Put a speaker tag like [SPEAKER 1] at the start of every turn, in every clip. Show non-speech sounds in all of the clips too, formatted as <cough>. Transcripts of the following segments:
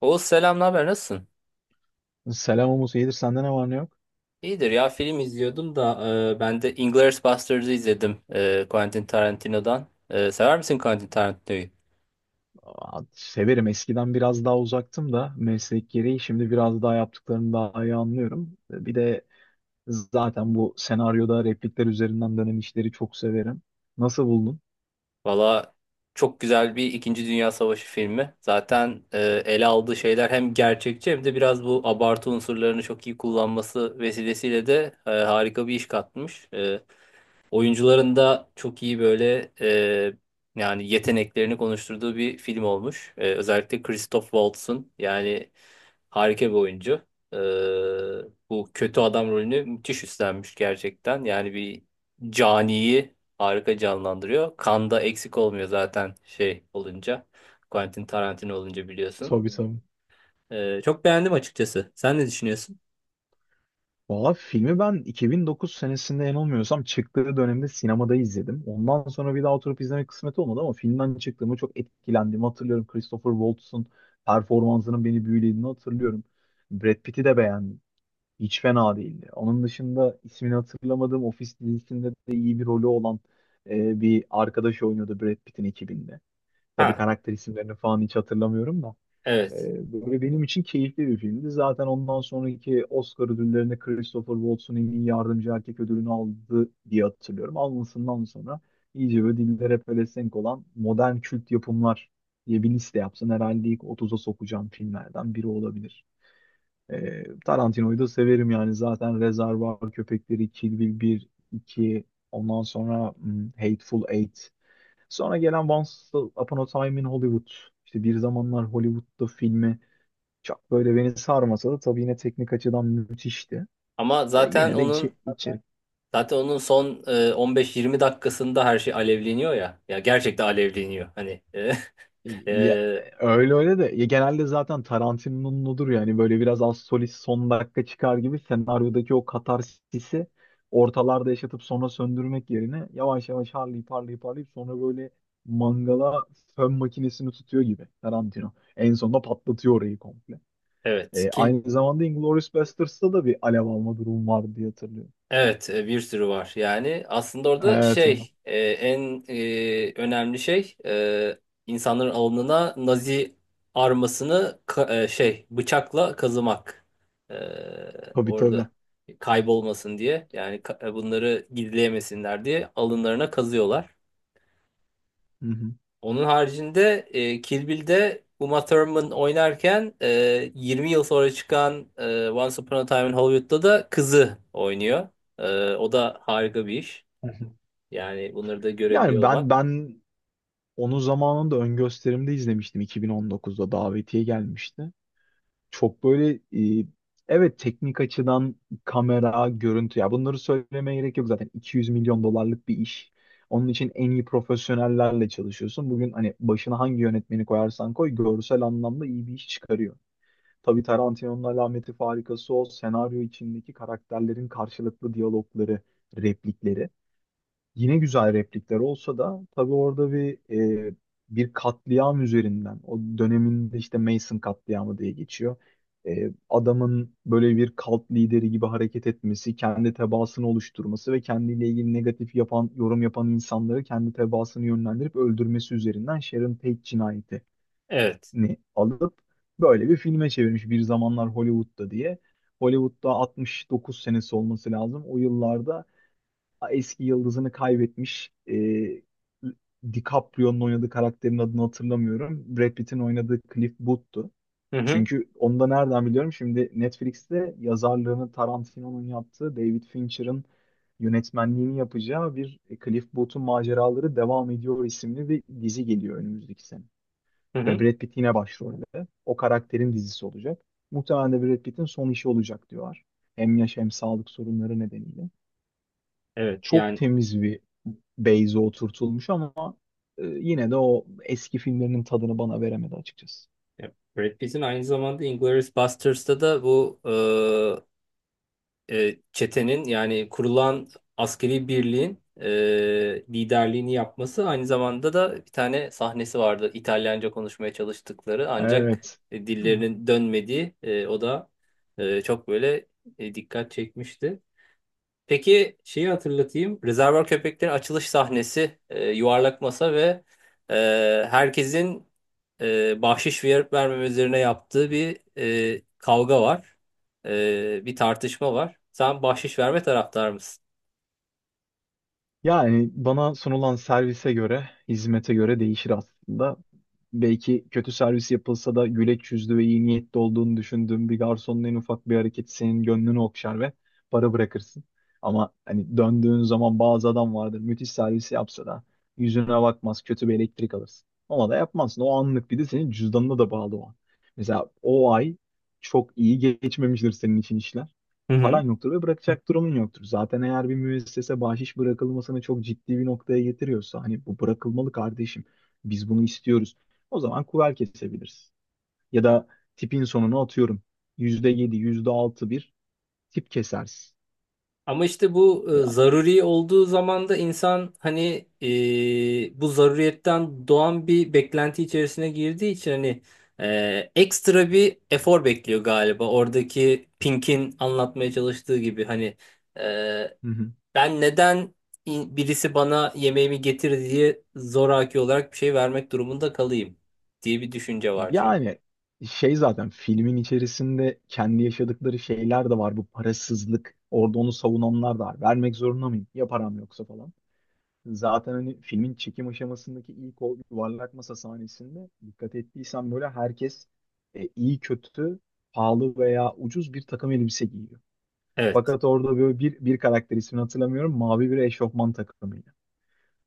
[SPEAKER 1] Oğuz selam, ne haber? Nasılsın?
[SPEAKER 2] Selam Umut, iyidir sende ne var ne yok?
[SPEAKER 1] İyidir ya, film izliyordum da ben de Inglourious Basterds'ı izledim, Quentin Tarantino'dan. E, sever misin Quentin Tarantino'yu?
[SPEAKER 2] Aa, severim. Eskiden biraz daha uzaktım da meslek gereği şimdi biraz daha yaptıklarını daha iyi anlıyorum. Bir de zaten bu senaryoda replikler üzerinden dönen işleri çok severim. Nasıl buldun?
[SPEAKER 1] Valla çok güzel bir İkinci Dünya Savaşı filmi. Zaten ele aldığı şeyler hem gerçekçi hem de biraz bu abartı unsurlarını çok iyi kullanması vesilesiyle de harika bir iş katmış. Oyuncuların da çok iyi böyle, yani yeteneklerini konuşturduğu bir film olmuş. E, özellikle Christoph Waltz'ın, yani harika bir oyuncu. E, bu kötü adam rolünü müthiş üstlenmiş gerçekten. Yani bir caniyi harika canlandırıyor. Kanda eksik olmuyor zaten şey olunca. Quentin Tarantino olunca biliyorsun.
[SPEAKER 2] Tabii, tabii.
[SPEAKER 1] E, çok beğendim açıkçası. Sen ne düşünüyorsun?
[SPEAKER 2] Valla filmi ben 2009 senesinde yanılmıyorsam çıktığı dönemde sinemada izledim. Ondan sonra bir daha oturup izlemek kısmet olmadı ama filmden çıktığımı, çok etkilendiğimi hatırlıyorum. Christopher Waltz'ın performansının beni büyülediğini hatırlıyorum. Brad Pitt'i de beğendim. Hiç fena değildi. Onun dışında ismini hatırlamadığım Office dizisinde de iyi bir rolü olan bir arkadaş oynuyordu Brad Pitt'in ekibinde. Tabii
[SPEAKER 1] Ha,
[SPEAKER 2] karakter isimlerini falan hiç hatırlamıyorum da.
[SPEAKER 1] evet.
[SPEAKER 2] Böyle benim için keyifli bir filmdi. Zaten ondan sonraki Oscar ödüllerinde Christopher Waltz'un en iyi yardımcı erkek ödülünü aldı diye hatırlıyorum. Almasından sonra iyice böyle dillere pelesenk olan modern kült yapımlar diye bir liste yapsın, herhalde ilk 30'a sokacağım filmlerden biri olabilir. Tarantino'yu da severim, yani zaten Rezervuar Köpekleri, Kill Bill bir iki, ondan sonra Hateful Eight. Sonra gelen Once Upon a Time in Hollywood. İşte bir zamanlar Hollywood'da filmi çok böyle beni sarmasa da tabii yine teknik açıdan müthişti.
[SPEAKER 1] Ama
[SPEAKER 2] E,
[SPEAKER 1] zaten
[SPEAKER 2] yine de
[SPEAKER 1] onun
[SPEAKER 2] içi, içi-
[SPEAKER 1] Zaten onun son 15-20 dakikasında her şey alevleniyor ya. Ya gerçekten alevleniyor. Hani, <laughs>
[SPEAKER 2] Ya,
[SPEAKER 1] e,
[SPEAKER 2] öyle öyle de ya, genelde zaten Tarantino'nun odur, yani böyle biraz az solist son dakika çıkar gibi. Senaryodaki o katarsisi ortalarda yaşatıp sonra söndürmek yerine yavaş yavaş harlayıp harlayıp harlayıp sonra böyle mangala fön makinesini tutuyor gibi Tarantino. En sonunda patlatıyor orayı komple.
[SPEAKER 1] evet kil
[SPEAKER 2] Aynı zamanda Inglourious Basterds'ta da bir alev alma durum vardı diye hatırlıyorum.
[SPEAKER 1] evet, bir sürü var. Yani aslında orada
[SPEAKER 2] Evet. Evet.
[SPEAKER 1] önemli şey, insanların alnına Nazi armasını şey, bıçakla kazımak. E,
[SPEAKER 2] Tabii, tabii.
[SPEAKER 1] Orada kaybolmasın diye, yani bunları gizleyemesinler diye alınlarına kazıyorlar.
[SPEAKER 2] Hı hı.
[SPEAKER 1] Onun haricinde, Kill Bill'de Uma Thurman oynarken, 20 yıl sonra çıkan Once Upon a Time in Hollywood'da da kızı oynuyor. O da harika bir iş. Yani bunları da görebiliyor
[SPEAKER 2] Yani ben
[SPEAKER 1] olmak.
[SPEAKER 2] ben onu zamanında ön gösterimde izlemiştim, 2019'da davetiye gelmişti. Çok böyle, e, evet, teknik açıdan kamera, görüntü, ya bunları söylemeye gerek yok, zaten 200 milyon dolarlık bir iş. Onun için en iyi profesyonellerle çalışıyorsun. Bugün hani başına hangi yönetmeni koyarsan koy görsel anlamda iyi bir iş çıkarıyor. Tabii Tarantino'nun alameti farikası o senaryo içindeki karakterlerin karşılıklı diyalogları, replikleri. Yine güzel replikler olsa da tabii orada e, bir katliam üzerinden, o döneminde işte Mason katliamı diye geçiyor. Adamın böyle bir kalt lideri gibi hareket etmesi, kendi tebaasını oluşturması ve kendiyle ilgili negatif yapan, yorum yapan insanları kendi tebaasını yönlendirip öldürmesi üzerinden Sharon Tate cinayetini
[SPEAKER 1] Evet.
[SPEAKER 2] alıp böyle bir filme çevirmiş, bir zamanlar Hollywood'da diye. Hollywood'da 69 senesi olması lazım. O yıllarda eski yıldızını kaybetmiş. DiCaprio'nun oynadığı karakterin adını hatırlamıyorum. Brad Pitt'in oynadığı Cliff Booth'tu.
[SPEAKER 1] Hı hı.
[SPEAKER 2] Çünkü onu da nereden biliyorum? Şimdi Netflix'te yazarlığını Tarantino'nun yaptığı, David Fincher'ın yönetmenliğini yapacağı bir Cliff Booth'un Maceraları Devam Ediyor isimli bir dizi geliyor önümüzdeki sene.
[SPEAKER 1] Hı
[SPEAKER 2] Ve
[SPEAKER 1] hı.
[SPEAKER 2] Brad Pitt yine başrolde. O karakterin dizisi olacak. Muhtemelen de Brad Pitt'in son işi olacak diyorlar. Hem yaş hem sağlık sorunları nedeniyle
[SPEAKER 1] Evet.
[SPEAKER 2] çok
[SPEAKER 1] Yani,
[SPEAKER 2] temiz bir base'e oturtulmuş ama yine de o eski filmlerinin tadını bana veremedi açıkçası.
[SPEAKER 1] e, Brad Pitt'in aynı zamanda Inglourious Basterds'ta da bu, çetenin, yani kurulan askeri birliğin liderliğini yapması, aynı zamanda da bir tane sahnesi vardı. İtalyanca konuşmaya çalıştıkları ancak
[SPEAKER 2] Evet.
[SPEAKER 1] dillerinin dönmediği, çok böyle dikkat çekmişti. Peki şeyi hatırlatayım. Rezervuar Köpeklerin açılış sahnesi, yuvarlak masa ve e, herkesin bahşiş verip vermeme üzerine yaptığı bir kavga var. E, bir tartışma var. Sen bahşiş verme taraftar mısın?
[SPEAKER 2] Yani bana sunulan servise göre, hizmete göre değişir aslında. Belki kötü servis yapılsa da güleç yüzlü ve iyi niyetli olduğunu düşündüğüm bir garsonun en ufak bir hareketi senin gönlünü okşar ve para bırakırsın. Ama hani döndüğün zaman bazı adam vardır, müthiş servisi yapsa da yüzüne bakmaz, kötü bir elektrik alırsın. Ona da yapmazsın. O anlık, bir de senin cüzdanına da bağlı o an. Mesela o ay çok iyi geçmemiştir senin için işler,
[SPEAKER 1] Hı
[SPEAKER 2] paran
[SPEAKER 1] hı.
[SPEAKER 2] yoktur ve bırakacak durumun yoktur. Zaten eğer bir müessese bahşiş bırakılmasını çok ciddi bir noktaya getiriyorsa, hani bu bırakılmalı kardeşim, biz bunu istiyoruz, o zaman kuver kesebiliriz. Ya da tipin sonuna atıyorum, yüzde yedi, yüzde altı bir tip kesersin.
[SPEAKER 1] Ama işte bu,
[SPEAKER 2] E,
[SPEAKER 1] zaruri olduğu zaman da insan hani, bu zaruriyetten doğan bir beklenti içerisine girdiği için hani, ekstra bir efor bekliyor galiba. Oradaki Pink'in anlatmaya çalıştığı gibi, hani, e,
[SPEAKER 2] Hı hı.
[SPEAKER 1] ben neden birisi bana yemeğimi getir diye zoraki olarak bir şey vermek durumunda kalayım diye bir düşünce var çünkü.
[SPEAKER 2] Yani şey, zaten filmin içerisinde kendi yaşadıkları şeyler de var. Bu parasızlık. Orada onu savunanlar da var. Vermek zorunda mıyım? Ya param yoksa falan. Zaten hani filmin çekim aşamasındaki ilk o yuvarlak masa sahnesinde dikkat ettiysen böyle herkes iyi kötü, pahalı veya ucuz bir takım elbise giyiyor.
[SPEAKER 1] Evet,
[SPEAKER 2] Fakat orada böyle bir karakter, ismini hatırlamıyorum, mavi bir eşofman takımı.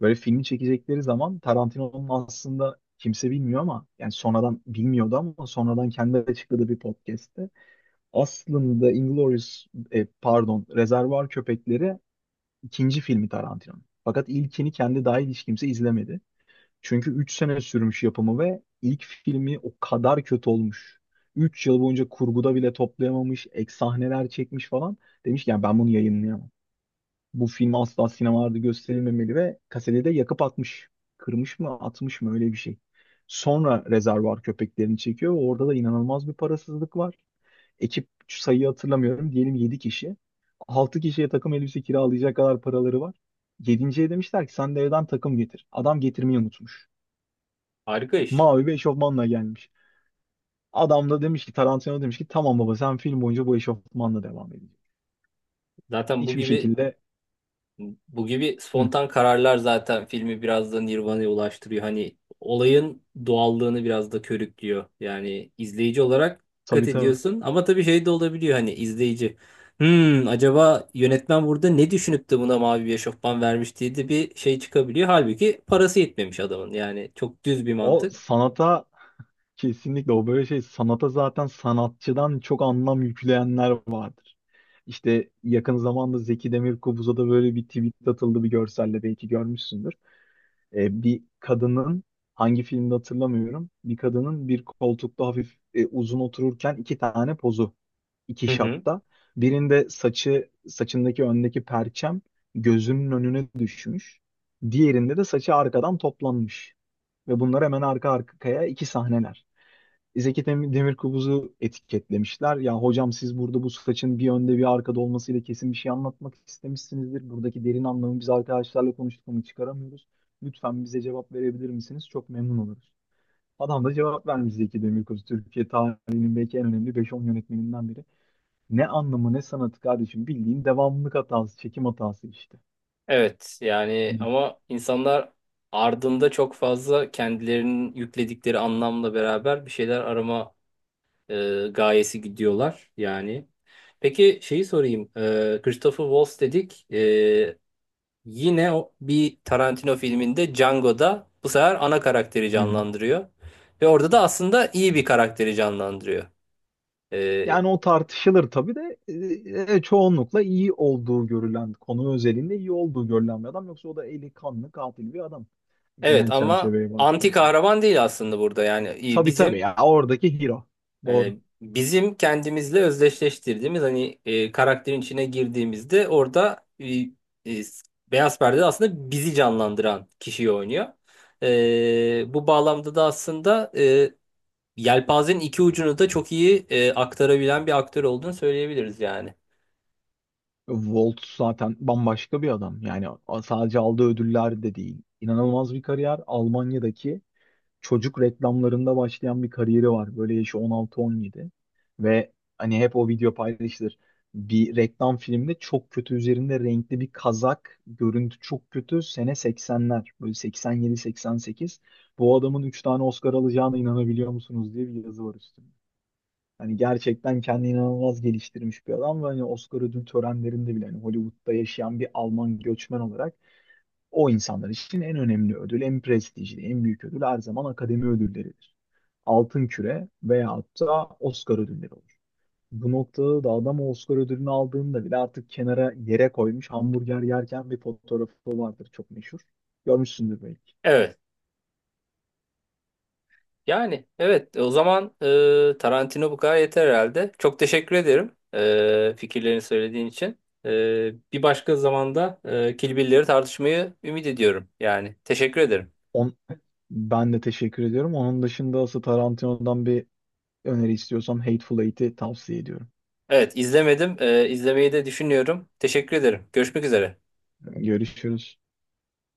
[SPEAKER 2] Böyle filmi çekecekleri zaman Tarantino'nun, aslında kimse bilmiyor ama, yani sonradan bilmiyordu ama sonradan kendi açıkladığı bir podcast'te, aslında Inglourious, pardon, Rezervuar Köpekleri ikinci filmi Tarantino'nun. Fakat ilkini kendi dahil hiç kimse izlemedi. Çünkü 3 sene sürmüş yapımı ve ilk filmi o kadar kötü olmuş. 3 yıl boyunca kurguda bile toplayamamış, ek sahneler çekmiş falan. Demiş ki yani ben bunu yayınlayamam, bu film asla sinemalarda gösterilmemeli ve kaseti de yakıp atmış. Kırmış mı atmış mı öyle bir şey. Sonra Rezervuar Köpeklerini çekiyor. Orada da inanılmaz bir parasızlık var. Ekip sayıyı hatırlamıyorum, diyelim 7 kişi. 6 kişiye takım elbise kiralayacak kadar paraları var. Yedinciye demişler ki sen de evden takım getir. Adam getirmeyi unutmuş,
[SPEAKER 1] harika iş.
[SPEAKER 2] mavi bir eşofmanla gelmiş. Adam da demiş ki, Tarantino demiş ki, tamam baba sen film boyunca bu eşofmanla devam edeceksin.
[SPEAKER 1] Zaten bu
[SPEAKER 2] Hiçbir
[SPEAKER 1] gibi
[SPEAKER 2] şekilde.
[SPEAKER 1] Bu gibi
[SPEAKER 2] Hı,
[SPEAKER 1] spontan kararlar zaten filmi biraz da Nirvana'ya ulaştırıyor. Hani olayın doğallığını biraz da körüklüyor. Yani izleyici olarak dikkat
[SPEAKER 2] tabii, tabii.
[SPEAKER 1] ediyorsun, ama tabii şey de olabiliyor, hani izleyici. Hmm, acaba yönetmen burada ne düşünüp de buna mavi bir eşofman vermiş diye de bir şey çıkabiliyor. Halbuki parası yetmemiş adamın. Yani çok düz bir
[SPEAKER 2] O
[SPEAKER 1] mantık.
[SPEAKER 2] sanata Kesinlikle, o böyle şey, sanata zaten sanatçıdan çok anlam yükleyenler vardır. İşte yakın zamanda Zeki Demirkubuz'a da böyle bir tweet atıldı bir görselle, belki görmüşsündür. Bir kadının, hangi filmde hatırlamıyorum, bir kadının bir koltukta hafif uzun otururken iki tane pozu, iki
[SPEAKER 1] Hı hı.
[SPEAKER 2] şatta. Birinde saçı, saçındaki öndeki perçem gözünün önüne düşmüş. Diğerinde de saçı arkadan toplanmış. Ve bunlar hemen arka arkaya iki sahneler. Demirkubuz'u etiketlemişler. Ya hocam, siz burada bu saçın bir önde bir arkada olmasıyla kesin bir şey anlatmak istemişsinizdir. Buradaki derin anlamı biz arkadaşlarla konuştuk ama çıkaramıyoruz. Lütfen bize cevap verebilir misiniz? Çok memnun oluruz. Adam da cevap vermiş, Zeki Demirkubuz, Türkiye tarihinin belki en önemli beş on yönetmeninden biri: ne anlamı ne sanatı kardeşim, bildiğin devamlılık hatası, çekim hatası işte.
[SPEAKER 1] Evet, yani
[SPEAKER 2] Hani-
[SPEAKER 1] ama insanlar ardında çok fazla kendilerinin yükledikleri anlamla beraber bir şeyler arama gayesi gidiyorlar yani. Peki şeyi sorayım. Christopher Waltz dedik. E, yine o, bir Tarantino filminde Django'da bu sefer ana karakteri
[SPEAKER 2] Hı hı.
[SPEAKER 1] canlandırıyor. Ve orada da aslında iyi bir karakteri canlandırıyor. E,
[SPEAKER 2] Yani o tartışılır tabii de, çoğunlukla iyi olduğu görülen, konu özelinde iyi olduğu görülen bir adam. Yoksa o da eli kanlı katil bir adam.
[SPEAKER 1] evet,
[SPEAKER 2] Genel
[SPEAKER 1] ama
[SPEAKER 2] çerçeveye
[SPEAKER 1] anti
[SPEAKER 2] baktığımızda.
[SPEAKER 1] kahraman değil aslında burada, yani iyi
[SPEAKER 2] Tabii, tabii,
[SPEAKER 1] bizim...
[SPEAKER 2] ya oradaki hero. Doğru.
[SPEAKER 1] E, bizim kendimizle özdeşleştirdiğimiz hani, karakterin içine girdiğimizde orada, e, beyaz perdede aslında bizi canlandıran kişiyi oynuyor. Bu bağlamda da aslında yelpazenin iki ucunu da çok iyi aktarabilen bir aktör olduğunu söyleyebiliriz yani.
[SPEAKER 2] Volt zaten bambaşka bir adam. Yani sadece aldığı ödüller de değil. İnanılmaz bir kariyer. Almanya'daki çocuk reklamlarında başlayan bir kariyeri var. Böyle yaşı 16-17 ve hani hep o video paylaşılır. Bir reklam filmde, çok kötü, üzerinde renkli bir kazak, görüntü çok kötü. Sene 80'ler, böyle 87-88. Bu adamın 3 tane Oscar alacağına inanabiliyor musunuz diye bir yazı var üstünde. Hani gerçekten kendini inanılmaz geliştirmiş bir adam ve hani Oscar ödül törenlerinde bile, hani Hollywood'da yaşayan bir Alman göçmen olarak, o insanlar için en önemli ödül, en prestijli, en büyük ödül her zaman akademi ödülleridir. Altın Küre veyahut da Oscar ödülleri olur. Bu noktada da adam o Oscar ödülünü aldığında bile artık kenara yere koymuş hamburger yerken bir fotoğrafı vardır, çok meşhur. Görmüşsündür belki.
[SPEAKER 1] Evet. Yani evet, o zaman, Tarantino bu kadar yeter herhalde. Çok teşekkür ederim, fikirlerini söylediğin için. E, bir başka zamanda, Kill Bill'leri tartışmayı ümit ediyorum. Yani teşekkür ederim.
[SPEAKER 2] On, Ben de teşekkür ediyorum. Onun dışında asıl Tarantino'dan bir öneri istiyorsan Hateful Eight'i tavsiye ediyorum.
[SPEAKER 1] Evet, izlemedim. E, izlemeyi de düşünüyorum. Teşekkür ederim. Görüşmek üzere.
[SPEAKER 2] Görüşürüz.